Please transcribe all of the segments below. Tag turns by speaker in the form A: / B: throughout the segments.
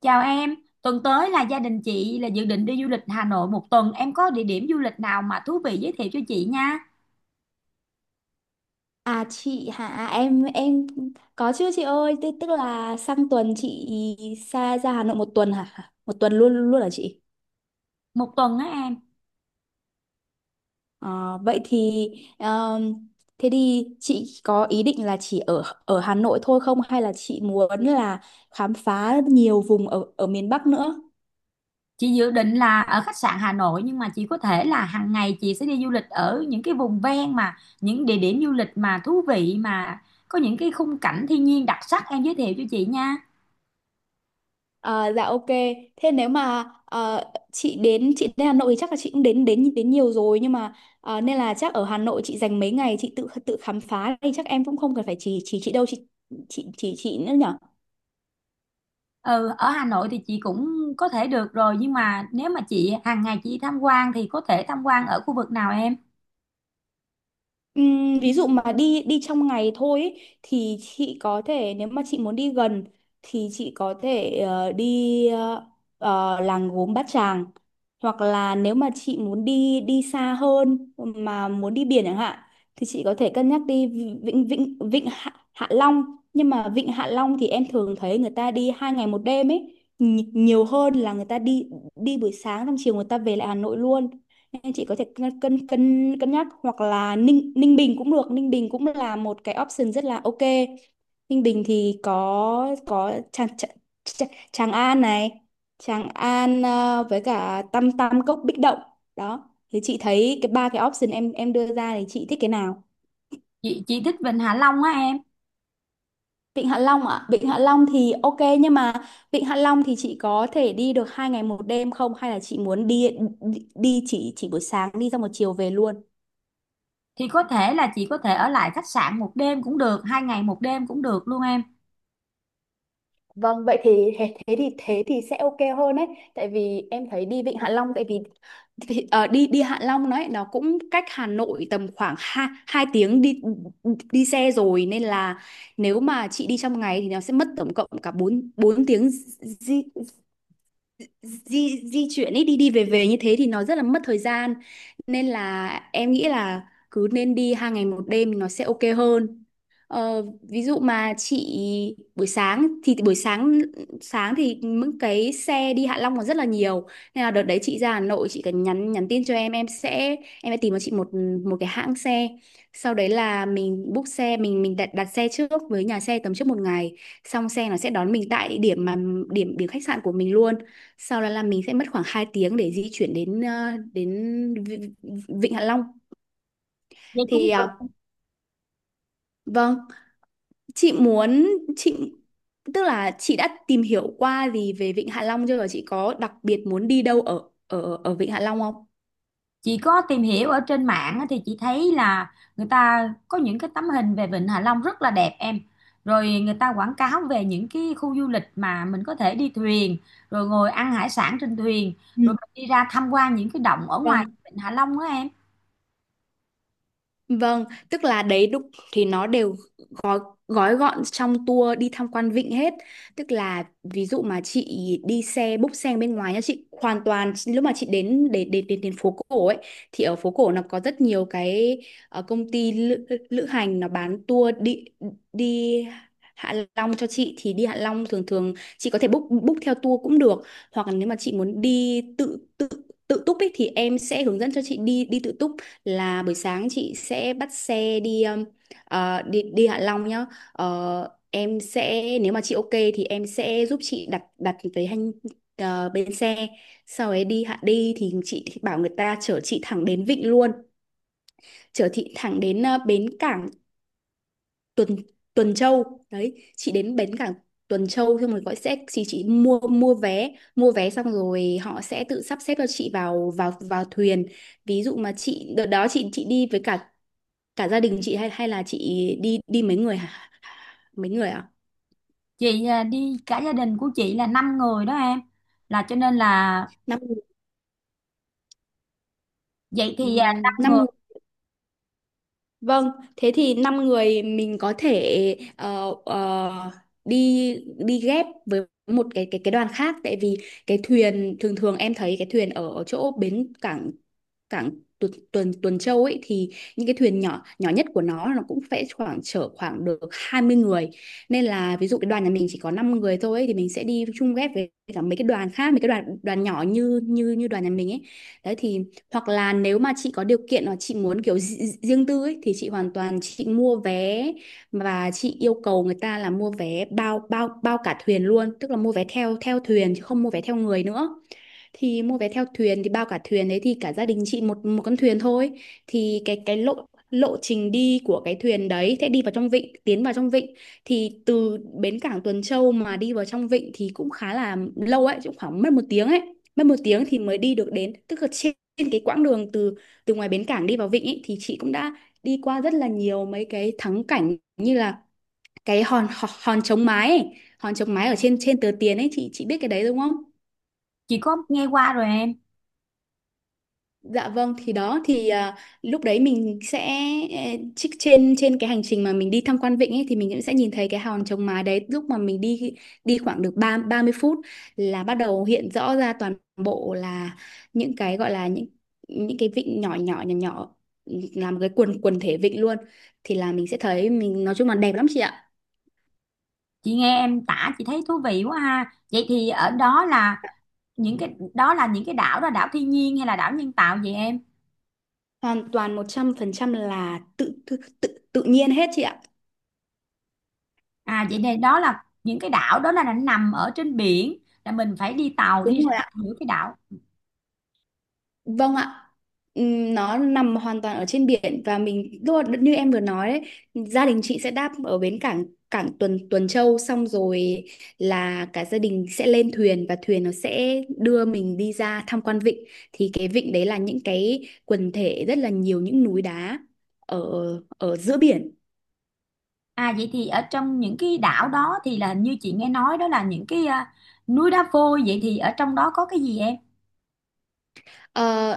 A: Chào em, tuần tới là gia đình chị là dự định đi du lịch Hà Nội một tuần. Em có địa điểm du lịch nào mà thú vị giới thiệu cho chị nha.
B: À chị hả em, có chứ chị ơi, tức là sang tuần chị xa ra Hà Nội một tuần hả? Một tuần luôn luôn hả chị?
A: Một tuần á em.
B: Ờ, vậy thì um, thế thì chị có ý định là chỉ ở ở Hà Nội thôi không, hay là chị muốn là khám phá nhiều vùng ở ở miền Bắc nữa?
A: Chị dự định là ở khách sạn Hà Nội, nhưng mà chị có thể là hàng ngày chị sẽ đi du lịch ở những cái vùng ven mà những địa điểm du lịch mà thú vị, mà có những cái khung cảnh thiên nhiên đặc sắc em giới thiệu cho chị nha.
B: À, dạ ok. Thế nếu mà chị đến Hà Nội thì chắc là chị cũng đến đến đến nhiều rồi, nhưng mà nên là chắc ở Hà Nội chị dành mấy ngày chị tự tự khám phá thì chắc em cũng không cần phải chỉ chị đâu, chị chỉ chị nữa nhở.
A: Ừ, ở Hà Nội thì chị cũng có thể được rồi, nhưng mà nếu mà chị hàng ngày chị tham quan thì có thể tham quan ở khu vực nào em?
B: Ví dụ mà đi đi trong ngày thôi ý, thì chị có thể nếu mà chị muốn đi gần thì chị có thể đi làng gốm Bát Tràng, hoặc là nếu mà chị muốn đi đi xa hơn mà muốn đi biển chẳng hạn thì chị có thể cân nhắc đi vịnh vịnh vịnh Hạ, Hạ Long. Nhưng mà vịnh Hạ Long thì em thường thấy người ta đi hai ngày một đêm ấy, nhiều hơn là người ta đi đi buổi sáng xong chiều người ta về lại Hà Nội luôn, nên chị có thể cân cân cân cân nhắc, hoặc là Ninh Ninh Bình cũng được. Ninh Bình cũng là một cái option rất là ok. Ninh Bình thì có Tràng Tràng, Tràng Tràng An này, Tràng An với cả Tam Tam Cốc Bích Động. Đó thì chị thấy cái ba cái option em đưa ra thì chị thích cái nào?
A: Chị thích Vịnh Hạ Long á em.
B: Vịnh Hạ Long ạ? Vịnh Hạ Long thì ok, nhưng mà Vịnh Hạ Long thì chị có thể đi được hai ngày một đêm không, hay là chị muốn đi đi chỉ buổi sáng đi xong một chiều về luôn?
A: Thì có thể là chị có thể ở lại khách sạn một đêm cũng được, hai ngày một đêm cũng được luôn em.
B: Vâng, vậy thì thế thế thì sẽ ok hơn đấy, tại vì em thấy đi Vịnh Hạ Long, tại vì thì, đi đi Hạ Long đấy nó cũng cách Hà Nội tầm khoảng 2 hai tiếng đi đi xe rồi, nên là nếu mà chị đi trong ngày thì nó sẽ mất tổng cộng cả 4 bốn bốn tiếng di, di chuyển ấy, đi đi về về như thế thì nó rất là mất thời gian, nên là em nghĩ là cứ nên đi hai ngày một đêm nó sẽ ok hơn. Ờ, ví dụ mà chị buổi sáng thì buổi sáng sáng thì những cái xe đi Hạ Long còn rất là nhiều, nên là đợt đấy chị ra Hà Nội chị cần nhắn nhắn tin cho em, em sẽ tìm cho chị một một cái hãng xe, sau đấy là mình book xe, mình đặt đặt xe trước với nhà xe tầm trước một ngày, xong xe nó sẽ đón mình tại địa điểm mà điểm điểm khách sạn của mình luôn, sau đó là mình sẽ mất khoảng 2 tiếng để di chuyển đến đến Vịnh Hạ Long.
A: Vậy cũng
B: Thì à,
A: được.
B: vâng, chị muốn chị tức là chị đã tìm hiểu qua gì về Vịnh Hạ Long chưa, và chị có đặc biệt muốn đi đâu ở ở ở Vịnh Hạ Long không?
A: Chị có tìm hiểu ở trên mạng á, thì chị thấy là người ta có những cái tấm hình về Vịnh Hạ Long rất là đẹp em, rồi người ta quảng cáo về những cái khu du lịch mà mình có thể đi thuyền, rồi ngồi ăn hải sản trên thuyền,
B: Ừ.
A: rồi mình đi ra tham quan những cái động ở ngoài
B: Vâng.
A: Vịnh Hạ Long đó em.
B: Vâng, tức là đấy đúng thì nó đều gói gói gọn trong tour đi tham quan vịnh hết, tức là ví dụ mà chị đi xe búc xe bên ngoài nha, chị hoàn toàn lúc mà chị đến đến đến đến, đến phố cổ ấy thì ở phố cổ nó có rất nhiều cái công ty lữ hành nó bán tour đi đi Hạ Long cho chị. Thì đi Hạ Long thường thường chị có thể book book theo tour cũng được, hoặc là nếu mà chị muốn đi tự tự tự túc ấy thì em sẽ hướng dẫn cho chị đi đi tự túc, là buổi sáng chị sẽ bắt xe đi. Ờ, đi đi Hạ Long nhá. Ờ, em sẽ nếu mà chị ok thì em sẽ giúp chị đặt đặt cái hành bến xe. Sau ấy đi Hạ đi thì chị bảo người ta chở chị thẳng đến Vịnh luôn, chở chị thẳng đến bến cảng Tuần Tuần Châu. Đấy, chị đến bến cảng Tuần Châu xong rồi gọi xe thì chị mua mua vé xong rồi họ sẽ tự sắp xếp cho chị vào vào vào thuyền. Ví dụ mà chị đợt đó chị đi với cả cả gia đình chị, hay hay là chị đi đi mấy người hả? Mấy người ạ?
A: Chị à, đi cả gia đình của chị là 5 người đó em, là cho nên là
B: Năm người.
A: vậy thì à,
B: Ừm,
A: 5
B: năm
A: người.
B: người, vâng. Thế thì năm người mình có thể đi đi ghép với một cái đoàn khác, tại vì cái thuyền thường thường em thấy cái thuyền ở, ở chỗ bến cảng cảng Tuần Tuần Tuần Châu ấy thì những cái thuyền nhỏ nhỏ nhất của nó cũng phải khoảng chở khoảng được 20 người, nên là ví dụ cái đoàn nhà mình chỉ có 5 người thôi ấy, thì mình sẽ đi chung ghép với cả mấy cái đoàn khác, mấy cái đoàn đoàn nhỏ như như như đoàn nhà mình ấy. Đấy thì hoặc là nếu mà chị có điều kiện hoặc chị muốn kiểu riêng tư ấy, thì chị hoàn toàn chị mua vé và chị yêu cầu người ta là mua vé bao bao bao cả thuyền luôn, tức là mua vé theo theo thuyền chứ không mua vé theo người nữa. Thì mua vé theo thuyền thì bao cả thuyền đấy thì cả gia đình chị một một con thuyền thôi. Thì cái lộ lộ trình đi của cái thuyền đấy sẽ đi vào trong vịnh tiến vào trong vịnh. Thì từ bến cảng Tuần Châu mà đi vào trong vịnh thì cũng khá là lâu ấy, cũng khoảng mất một tiếng ấy, mất một tiếng thì mới đi được đến, tức là trên trên cái quãng đường từ từ ngoài bến cảng đi vào vịnh ấy, thì chị cũng đã đi qua rất là nhiều mấy cái thắng cảnh, như là cái hòn hòn, hòn chống mái ấy. Hòn chống mái ở trên trên tờ tiền ấy, chị biết cái đấy đúng không?
A: Chị có nghe qua rồi em.
B: Dạ vâng, thì đó thì à, lúc đấy mình sẽ eh, trích trên trên cái hành trình mà mình đi tham quan vịnh ấy, thì mình cũng sẽ nhìn thấy cái hòn trống mái đấy, lúc mà mình đi đi khoảng được ba 30 phút là bắt đầu hiện rõ ra toàn bộ là những cái gọi là những cái vịnh nhỏ nhỏ nhỏ nhỏ làm cái quần quần thể vịnh luôn, thì là mình sẽ thấy mình nói chung là đẹp lắm chị ạ.
A: Chị nghe em tả chị thấy thú vị quá ha. Vậy thì ở đó là những cái đó là những cái đảo, đó là đảo thiên nhiên hay là đảo nhân tạo vậy em?
B: Hoàn toàn 100% là tự tự tự tự nhiên hết chị ạ.
A: À vậy thì đó là những cái đảo đó là nó nằm ở trên biển, là mình phải đi tàu đi
B: Đúng rồi.
A: ra giữa cái đảo.
B: Vâng ạ. Nó nằm hoàn toàn ở trên biển và mình lúc mà, như em vừa nói đấy, gia đình chị sẽ đáp ở bến cảng cảng Tuần Tuần Châu, xong rồi là cả gia đình sẽ lên thuyền và thuyền nó sẽ đưa mình đi ra tham quan vịnh. Thì cái vịnh đấy là những cái quần thể rất là nhiều những núi đá ở ở giữa biển.
A: À vậy thì ở trong những cái đảo đó thì là hình như chị nghe nói đó là những cái núi đá vôi, vậy thì ở trong đó có cái gì em?
B: Ờ,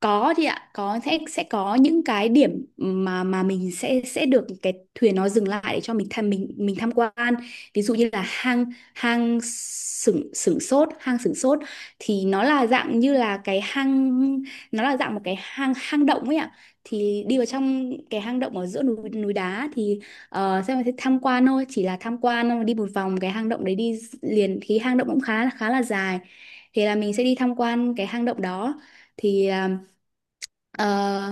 B: có thì ạ, có sẽ có những cái điểm mà mình sẽ được cái thuyền nó dừng lại để cho mình tham quan, ví dụ như là hang hang sửng sửng sốt, hang sửng sốt. Thì nó là dạng như là cái hang, nó là dạng một cái hang hang động ấy ạ. Thì đi vào trong cái hang động ở giữa núi núi đá thì xem là tham quan thôi, chỉ là tham quan thôi, đi một vòng cái hang động đấy đi liền thì hang động cũng khá khá là dài, thì là mình sẽ đi tham quan cái hang động đó. Thì à, ờ,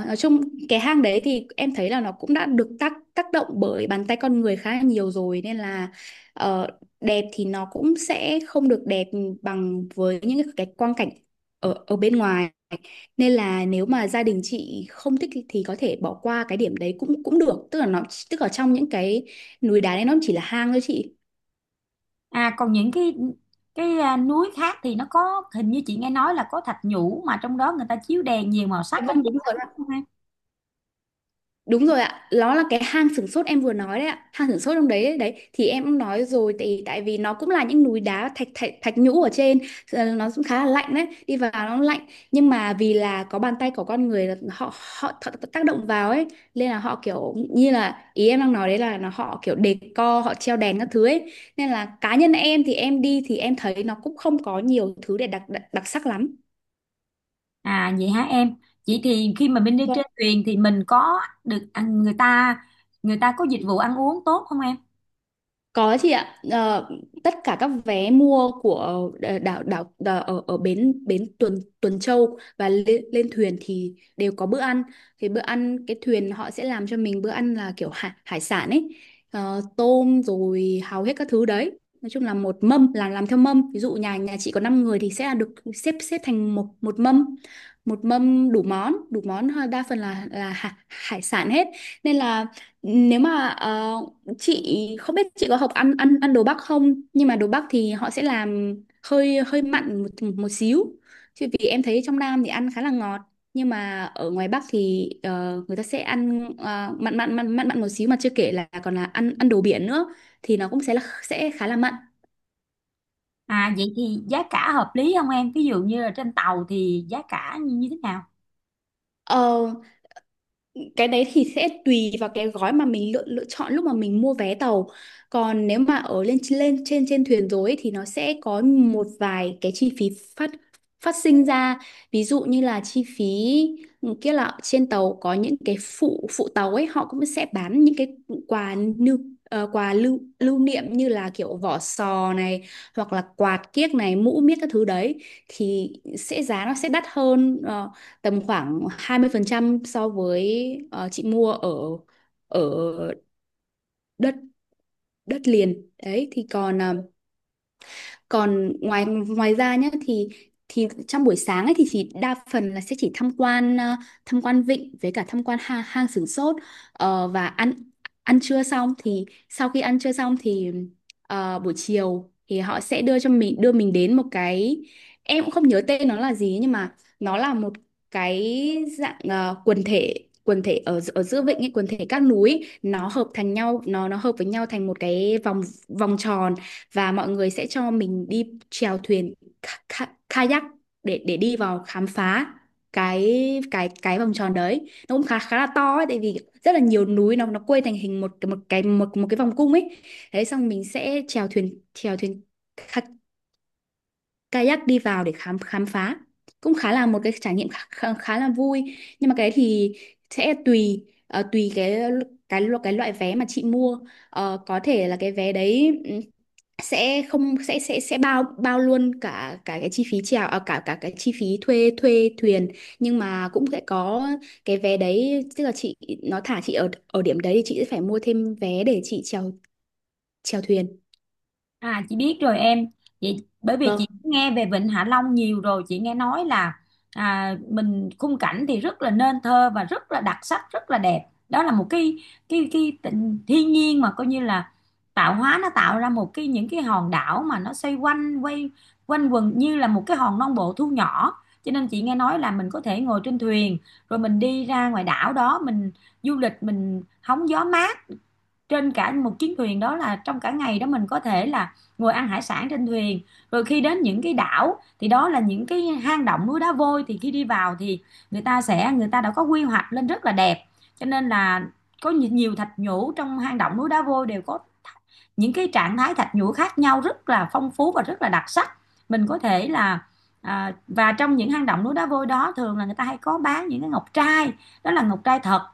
B: nói chung cái hang đấy thì em thấy là nó cũng đã được tác tác động bởi bàn tay con người khá là nhiều rồi, nên là ờ, đẹp thì nó cũng sẽ không được đẹp bằng với những cái quang cảnh ở ở bên ngoài, nên là nếu mà gia đình chị không thích thì có thể bỏ qua cái điểm đấy cũng cũng được, tức là nó tức ở trong những cái núi đá đấy nó chỉ là hang thôi chị.
A: À còn những cái núi khác thì nó có hình như chị nghe nói là có thạch nhũ mà trong đó người ta chiếu đèn nhiều màu sắc
B: Dạ
A: nó
B: vâng đúng
A: đẹp
B: rồi.
A: lắm.
B: Đúng rồi ạ, nó là cái hang sửng sốt em vừa nói đấy ạ, hang sửng sốt trong đấy đấy, đấy. Thì em cũng nói rồi tại tại vì nó cũng là những núi đá thạch thạch thạch nhũ ở trên, nó cũng khá là lạnh đấy, đi vào nó lạnh, nhưng mà vì là có bàn tay của con người là họ họ th- tác động vào ấy, nên là họ kiểu như là ý em đang nói đấy là nó họ kiểu đề co, họ treo đèn các thứ ấy. Nên là cá nhân em thì em đi thì em thấy nó cũng không có nhiều thứ để đặc đặc, đặc sắc lắm.
A: À vậy hả em? Vậy thì khi mà mình đi trên thuyền thì mình có được người ta có dịch vụ ăn uống tốt không em?
B: Có chị ạ. Ờ, tất cả các vé mua của đảo ở, ở bến bến Tuần Tuần Châu và lên thuyền thì đều có bữa ăn. Thì bữa ăn cái thuyền họ sẽ làm cho mình bữa ăn là kiểu hải sản ấy. Ờ, tôm rồi hầu hết các thứ đấy. Nói chung là một mâm, là làm theo mâm. Ví dụ nhà nhà chị có 5 người thì sẽ là được xếp xếp thành một một mâm đủ món đa phần là hải sản hết. Nên là nếu mà chị không biết chị có học ăn ăn ăn đồ Bắc không, nhưng mà đồ Bắc thì họ sẽ làm hơi hơi mặn một một xíu, chứ vì em thấy trong Nam thì ăn khá là ngọt, nhưng mà ở ngoài Bắc thì người ta sẽ ăn mặn mặn mặn mặn mặn một xíu, mà chưa kể là còn là ăn ăn đồ biển nữa thì nó cũng sẽ là sẽ khá là mặn.
A: À vậy thì giá cả hợp lý không em? Ví dụ như là trên tàu thì giá cả như như thế nào?
B: Ờ, cái đấy thì sẽ tùy vào cái gói mà mình lựa lựa chọn lúc mà mình mua vé tàu. Còn nếu mà ở lên lên trên trên thuyền rồi ấy, thì nó sẽ có một vài cái chi phí phát phát sinh ra. Ví dụ như là chi phí kia là trên tàu có những cái phụ phụ tàu ấy họ cũng sẽ bán những cái quà lưu quà lưu lưu niệm như là kiểu vỏ sò này, hoặc là quạt kiếc này, mũ miết các thứ đấy thì giá nó sẽ đắt hơn, tầm khoảng 20% so với, chị mua ở ở đất đất liền đấy. Thì còn còn ngoài ngoài ra nhé, thì trong buổi sáng ấy thì chỉ đa phần là sẽ chỉ tham quan, tham quan vịnh với cả tham quan hang Sửng Sốt. Ờ, và ăn ăn trưa xong, thì sau khi ăn trưa xong thì buổi chiều thì họ sẽ đưa cho mình, đưa mình đến một cái, em cũng không nhớ tên nó là gì nhưng mà nó là một cái dạng quần thể ở ở giữa vịnh ấy, quần thể các núi ấy, nó hợp thành nhau, nó hợp với nhau thành một cái vòng vòng tròn, và mọi người sẽ cho mình đi chèo thuyền kayak để đi vào khám phá cái cái vòng tròn đấy nó cũng khá khá là to ấy, tại vì rất là nhiều núi nó quây thành hình một một cái vòng cung ấy. Thế xong mình sẽ chèo thuyền, chèo thuyền kayak đi vào để khám khám phá, cũng khá là một cái trải nghiệm khá là vui. Nhưng mà cái đấy thì sẽ tùy, tùy cái cái loại vé mà chị mua. Ờ, có thể là cái vé đấy sẽ không, sẽ bao bao luôn cả cả cái chi phí chèo, à, cả cả cái chi phí thuê thuê thuyền, nhưng mà cũng sẽ có cái vé đấy tức là chị, nó thả chị ở ở điểm đấy thì chị sẽ phải mua thêm vé để chị chèo, thuyền.
A: À chị biết rồi em, chị bởi vì
B: Vâng.
A: chị nghe về Vịnh Hạ Long nhiều rồi, chị nghe nói là mình khung cảnh thì rất là nên thơ và rất là đặc sắc rất là đẹp. Đó là một cái thiên nhiên mà coi như là tạo hóa nó tạo ra một cái những cái hòn đảo mà nó xoay quanh quay quanh quần như là một cái hòn non bộ thu nhỏ. Cho nên chị nghe nói là mình có thể ngồi trên thuyền, rồi mình đi ra ngoài đảo đó mình du lịch, mình hóng gió mát trên cả một chuyến thuyền đó, là trong cả ngày đó mình có thể là ngồi ăn hải sản trên thuyền, rồi khi đến những cái đảo thì đó là những cái hang động núi đá vôi, thì khi đi vào thì người ta đã có quy hoạch lên rất là đẹp. Cho nên là có nhiều thạch nhũ trong hang động núi đá vôi đều có những cái trạng thái thạch nhũ khác nhau rất là phong phú và rất là đặc sắc. Mình có thể là và trong những hang động núi đá vôi đó thường là người ta hay có bán những cái ngọc trai, đó là ngọc trai thật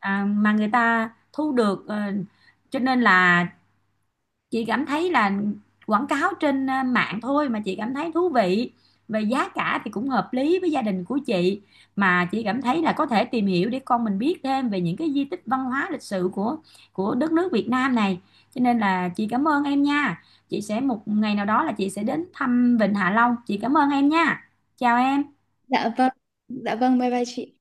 A: mà người ta thu được ờ, cho nên là chị cảm thấy là quảng cáo trên mạng thôi mà chị cảm thấy thú vị, về giá cả thì cũng hợp lý với gia đình của chị. Mà chị cảm thấy là có thể tìm hiểu để con mình biết thêm về những cái di tích văn hóa lịch sử của đất nước Việt Nam này. Cho nên là chị cảm ơn em nha. Chị sẽ một ngày nào đó là chị sẽ đến thăm Vịnh Hạ Long. Chị cảm ơn em nha. Chào em.
B: Dạ vâng, dạ vâng, bye bye chị.